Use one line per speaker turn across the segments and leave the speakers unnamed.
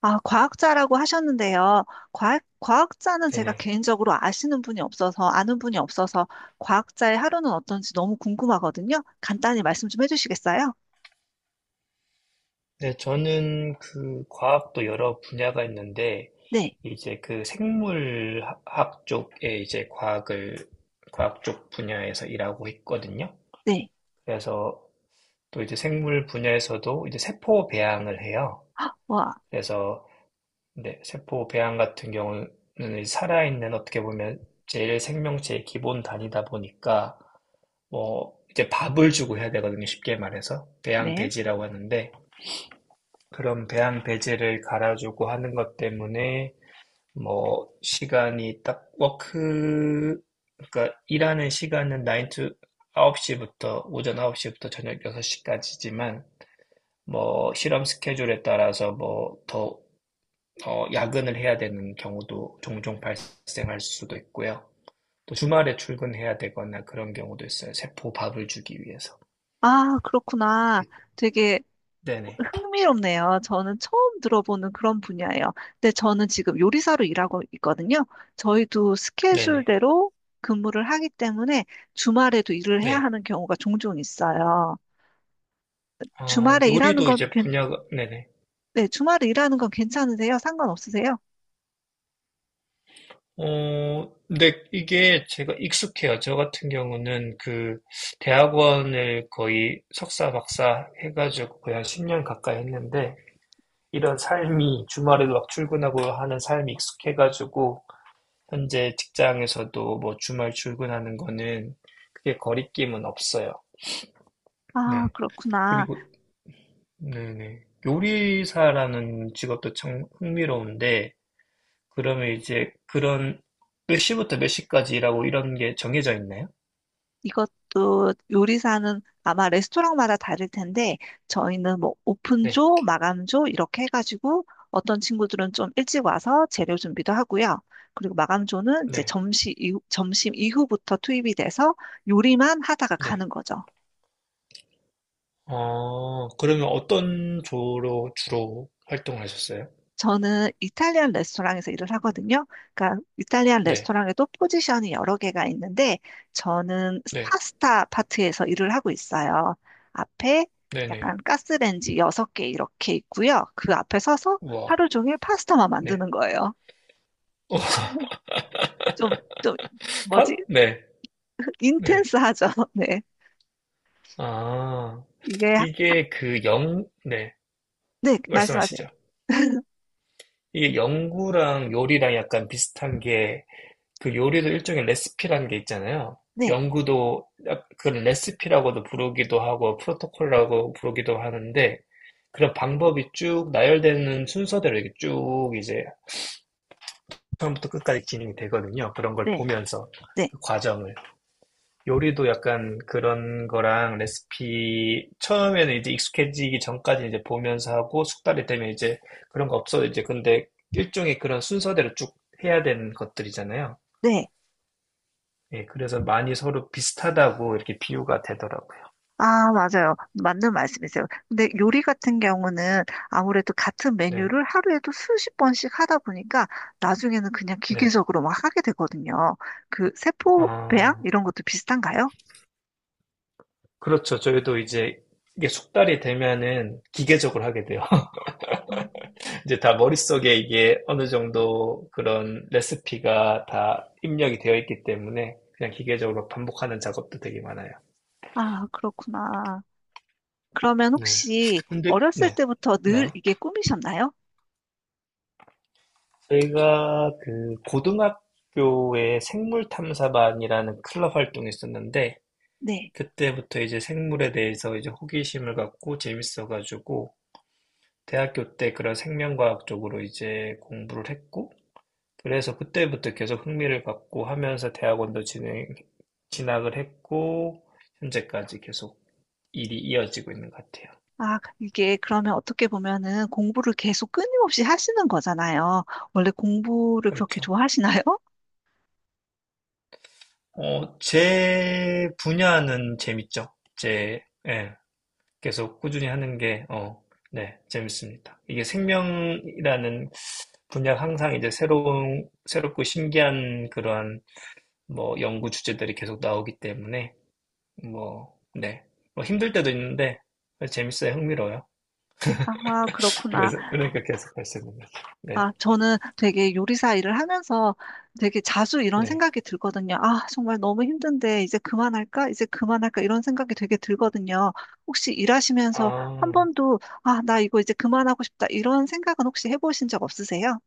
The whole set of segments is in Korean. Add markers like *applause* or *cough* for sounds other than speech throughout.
아, 과학자라고 하셨는데요. 과학자는 제가
네네.
개인적으로 아시는 분이 없어서, 아는 분이 없어서, 과학자의 하루는 어떤지 너무 궁금하거든요. 간단히 말씀 좀 해주시겠어요?
네, 저는 그 과학도 여러 분야가 있는데,
네,
이제 그 생물학 쪽에 이제 과학 쪽 분야에서 일하고 있거든요.
네.
그래서 또 이제 생물 분야에서도 이제 세포 배양을 해요.
와,
그래서, 네, 세포 배양 같은 경우는 이제 살아있는 어떻게 보면 제일 생명체의 기본 단위다 보니까, 뭐, 이제 밥을 주고 해야 되거든요. 쉽게 말해서. 배양
네.
배지라고 하는데, 그런 배양 배제를 갈아주고 하는 것 때문에 뭐 시간이 딱 워크 그러니까 일하는 시간은 9시부터 오전 9시부터 저녁 6시까지지만 뭐 실험 스케줄에 따라서 뭐 더 야근을 해야 되는 경우도 종종 발생할 수도 있고요. 또 주말에 출근해야 되거나 그런 경우도 있어요. 세포 밥을 주기 위해서.
아, 그렇구나. 되게
네네.
흥미롭네요. 저는 처음 들어보는 그런 분야예요. 근데 저는 지금 요리사로 일하고 있거든요. 저희도
네네.
스케줄대로 근무를 하기 때문에 주말에도 일을 해야
네.
하는 경우가 종종 있어요. 주말에 일하는
요리도
건
이제
괜-
분야가, 네네.
네, 주말에 일하는 건 괜찮으세요? 상관없으세요?
근데 이게 제가 익숙해요. 저 같은 경우는 그 대학원을 거의 석사, 박사 해가지고 거의 한 10년 가까이 했는데 이런 삶이 주말에도 막 출근하고 하는 삶이 익숙해가지고 현재 직장에서도 뭐 주말 출근하는 거는 그게 거리낌은 없어요.
아,
네.
그렇구나.
그리고, 네네. 요리사라는 직업도 참 흥미로운데 그러면 이제 그런 몇 시부터 몇 시까지 일하고 이런 게 정해져 있나요?
이것도 요리사는 아마 레스토랑마다 다를 텐데, 저희는 뭐
네.
오픈조, 마감조 이렇게 해가지고 어떤 친구들은 좀 일찍 와서 재료 준비도 하고요. 그리고 마감조는 이제
네.
점심 이후, 점심 이후부터 투입이 돼서 요리만 하다가
네.
가는 거죠.
그러면 어떤 조로 주로 활동하셨어요? 을
저는 이탈리안 레스토랑에서 일을 하거든요. 그러니까 이탈리안
네.
레스토랑에도 포지션이 여러 개가 있는데 저는
네.
파스타 파트에서 일을 하고 있어요. 앞에
네네.
약간 가스레인지 여섯 개 이렇게 있고요. 그 앞에 서서
우와.
하루 종일 파스타만
네.
만드는 거예요.
어,
좀, 좀,
*laughs*
뭐지?
팟 네. 네.
인텐스하죠. *laughs* 네.
아,
이게,
이게 그 영, 네.
네, 말씀하세요.
말씀하시죠. 이게 연구랑 요리랑 약간 비슷한 게, 그 요리도 일종의 레시피라는 게 있잖아요.
네,
연구도 그 레시피라고도 부르기도 하고, 프로토콜이라고 부르기도 하는데, 그런 방법이 쭉 나열되는 순서대로 이게 쭉 이제 처음부터 끝까지 진행이 되거든요. 그런 걸
네,
보면서
네,
그 과정을 요리도 약간 그런 거랑 레시피 처음에는 이제 익숙해지기 전까지 이제 보면서 하고 숙달이 되면 이제 그런 거 없어 요 이제 근데 일종의 그런 순서대로 쭉 해야 되는 것들이잖아요.
네.
예, 그래서 많이 서로 비슷하다고 이렇게 비유가 되더라고요.
아, 맞아요. 맞는 말씀이세요. 근데 요리 같은 경우는 아무래도 같은
네,
메뉴를 하루에도 수십 번씩 하다 보니까 나중에는 그냥
네.
기계적으로 막 하게 되거든요. 그 세포 배양
아,
이런 것도 비슷한가요?
그렇죠. 저희도 이제 이게 숙달이 되면은 기계적으로 하게 돼요.
어,
이제 다 머릿속에 이게 어느 정도 그런 레시피가 다 입력이 되어 있기 때문에 그냥 기계적으로 반복하는 작업도 되게 많아요.
아, 그렇구나. 그러면
네.
혹시
근데,
어렸을
네.
때부터 늘
네.
이게 꿈이셨나요?
저희가 그 고등학교에 생물탐사반이라는 클럽 활동이 있었는데,
네.
그때부터 이제 생물에 대해서 이제 호기심을 갖고 재밌어가지고, 대학교 때 그런 생명과학 쪽으로 이제 공부를 했고, 그래서 그때부터 계속 흥미를 갖고 하면서 대학원도 진학을 했고 현재까지 계속 일이 이어지고 있는 것 같아요.
아, 이게 그러면 어떻게 보면은 공부를 계속 끊임없이 하시는 거잖아요. 원래 공부를 그렇게
그렇죠.
좋아하시나요?
제 분야는 재밌죠. 예, 계속 꾸준히 하는 게, 네, 재밌습니다. 이게 생명이라는 분야 항상 이제 새롭고 신기한 그러한 뭐 연구 주제들이 계속 나오기 때문에, 뭐, 네. 뭐 힘들 때도 있는데, 재밌어요. 흥미로워요.
*laughs* 아, 그렇구나.
그래서, 그러니까 계속 할 수 있는 거죠. 네,
아, 저는 되게 요리사 일을 하면서 되게 자주 이런
네.
생각이 들거든요. 아, 정말 너무 힘든데 이제 그만할까? 이제 그만할까? 이런 생각이 되게 들거든요. 혹시 일하시면서 한
아.
번도 아, 나 이거 이제 그만하고 싶다. 이런 생각은 혹시 해보신 적 없으세요?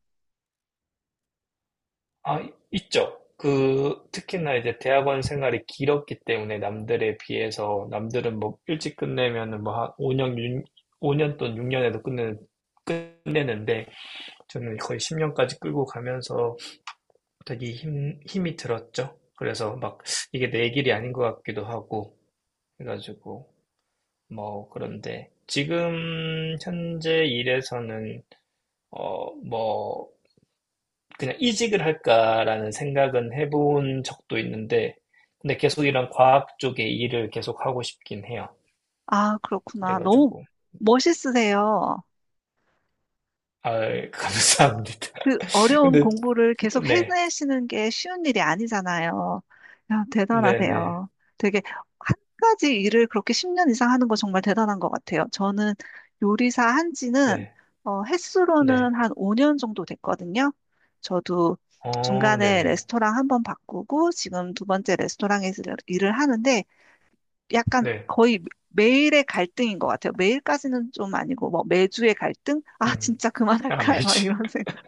아, 있죠. 그, 특히나 이제 대학원 생활이 길었기 때문에 남들에 비해서 남들은 뭐 일찍 끝내면은 뭐 한 5년, 6, 5년 또는 6년에도 끝내는데 저는 거의 10년까지 끌고 가면서 되게 힘이 들었죠. 그래서 막 이게 내 길이 아닌 것 같기도 하고 해가지고 뭐 그런데 지금 현재 일에서는 뭐 그냥 이직을 할까라는 생각은 해본 적도 있는데, 근데 계속 이런 과학 쪽의 일을 계속 하고 싶긴 해요.
아, 그렇구나. 너무
그래가지고,
멋있으세요.
아, 감사합니다.
그
*laughs*
어려운
근데,
공부를 계속
네,
해내시는 게 쉬운 일이 아니잖아요. 야,
네네,
대단하세요. 되게 한 가지 일을 그렇게 10년 이상 하는 거 정말 대단한 것 같아요. 저는 요리사 한 지는
네, 네,
횟수로는 한 5년 정도 됐거든요. 저도 중간에
네네,
레스토랑 한 번 바꾸고 지금 두 번째 레스토랑에서 일을 하는데 약간
네,
거의 매일의 갈등인 것 같아요. 매일까지는 좀 아니고 뭐 매주의 갈등? 아,
음,
진짜
아,
그만할까요? *laughs*
매주.
이런 생각.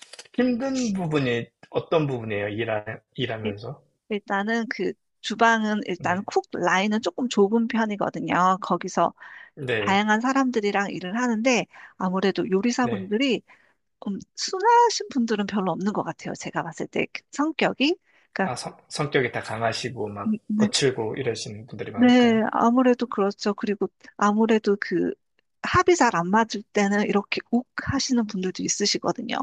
*laughs* 힘든 부분이 어떤 부분이에요? 일하면서?
일단은 그 주방은 일단
네,
쿡 라인은 조금 좁은 편이거든요. 거기서
네,
다양한 사람들이랑 일을 하는데 아무래도
네.
요리사분들이 좀 순하신 분들은 별로 없는 것 같아요. 제가 봤을 때 그 성격이. 그러니까
아, 성격이 다 강하시고, 막,
네.
거칠고 이러시는 분들이
네,
많을까요?
아무래도 그렇죠. 그리고 아무래도 그 합이 잘 안 맞을 때는 이렇게 욱 하시는 분들도 있으시거든요.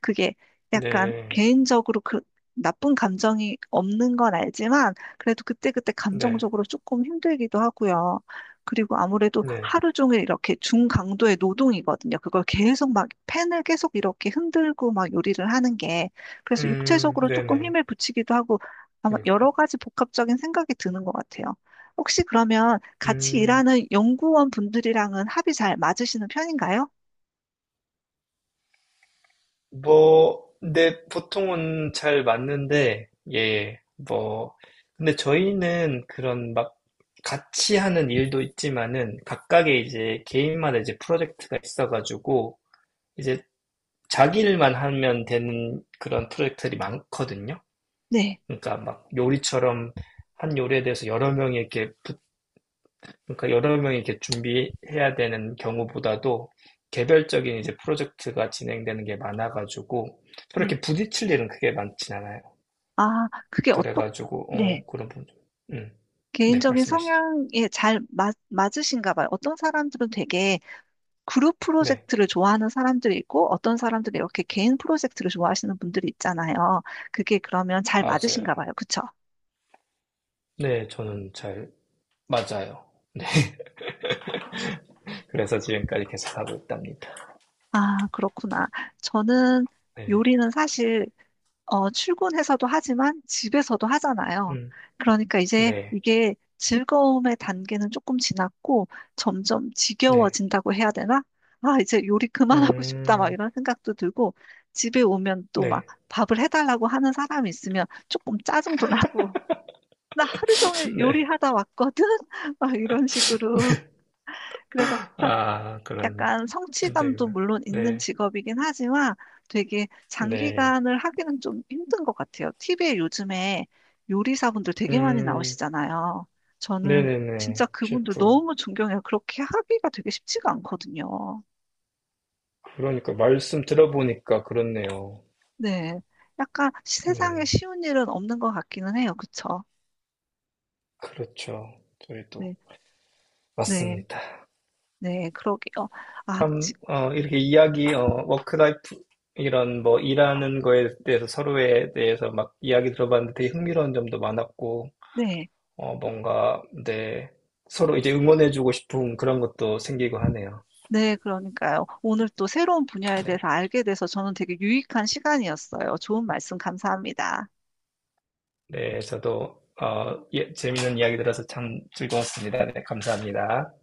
그게 약간
네,
개인적으로 그 나쁜 감정이 없는 건 알지만 그래도 그때그때
네,
감정적으로 조금 힘들기도 하고요. 그리고 아무래도
네.
하루 종일 이렇게 중강도의 노동이거든요. 그걸 계속 막 펜을 계속 이렇게 흔들고 막 요리를 하는 게 그래서 육체적으로 조금
네네.
힘을 붙이기도 하고 아마
그리고
여러 가지 복합적인 생각이 드는 것 같아요. 혹시 그러면 같이
음,
일하는 연구원 분들이랑은 합이 잘 맞으시는 편인가요?
뭐, 근데 보통은 잘 맞는데, 예, 뭐, 근데 저희는 그런 막 같이 하는 일도 있지만은 각각의 이제 개인마다 이제 프로젝트가 있어가지고 이제 자기 일만 하면 되는 그런 프로젝트들이 많거든요.
네,
그러니까 막 요리처럼 한 요리에 대해서 여러 명이 이렇게 그러니까 여러 명이 이렇게 준비해야 되는 경우보다도 개별적인 이제 프로젝트가 진행되는 게 많아가지고 서로
네.
이렇게 부딪힐 일은 크게 많진 않아요.
아,
그래가지고
네.
그런 부분. 음. 네,
개인적인
말씀하시죠.
성향에 잘 맞으신가 봐요. 어떤 사람들은 되게 그룹
네,
프로젝트를 좋아하는 사람들이 있고, 어떤 사람들은 이렇게 개인 프로젝트를 좋아하시는 분들이 있잖아요. 그게 그러면 잘 맞으신가
맞아요.
봐요. 그쵸?
네, 저는 잘 맞아요. 그래서 지금까지 계속 하고 있답니다.
아, 그렇구나. 저는
네,
요리는 사실 어, 출근해서도 하지만 집에서도 하잖아요.
음,
그러니까 이제
네,
이게 즐거움의 단계는 조금 지났고 점점
네,
지겨워진다고 해야 되나? 아, 이제 요리 그만하고 싶다 막
음,
이런 생각도 들고 집에 오면 또 막
네,
밥을 해달라고 하는 사람이 있으면 조금 짜증도 나고 *laughs* 나 하루
*laughs*
종일
네.
요리하다 왔거든? *laughs* 막 이런 식으로. 그래서
아, 그런
약간 성취감도
힘들기만.
물론 있는
네,
직업이긴 하지만 되게
네,
장기간을 하기는 좀 힘든 것 같아요. TV에 요즘에 요리사분들 되게 많이
음,
나오시잖아요. 저는 진짜
네네네.
그분들
셰프.
너무 존경해요. 그렇게 하기가 되게 쉽지가 않거든요.
그러니까 말씀 들어보니까 그렇네요.
네. 약간 세상에
네,
쉬운 일은 없는 것 같기는 해요. 그쵸?
그렇죠. 저희도
네. 네.
맞습니다.
네. 그러게요. 아,
참 이렇게 이야기 워크라이프 이런 뭐 일하는 거에 대해서 서로에 대해서 막 이야기 들어봤는데 되게 흥미로운 점도 많았고
네.
뭔가 네 서로 이제 응원해주고 싶은 그런 것도 생기고 하네요.
네, 그러니까요. 오늘 또 새로운 분야에
네,
대해서 알게 돼서 저는 되게 유익한 시간이었어요. 좋은 말씀 감사합니다.
네 저도 예, 재밌는 이야기 들어서 참 즐거웠습니다. 네, 감사합니다.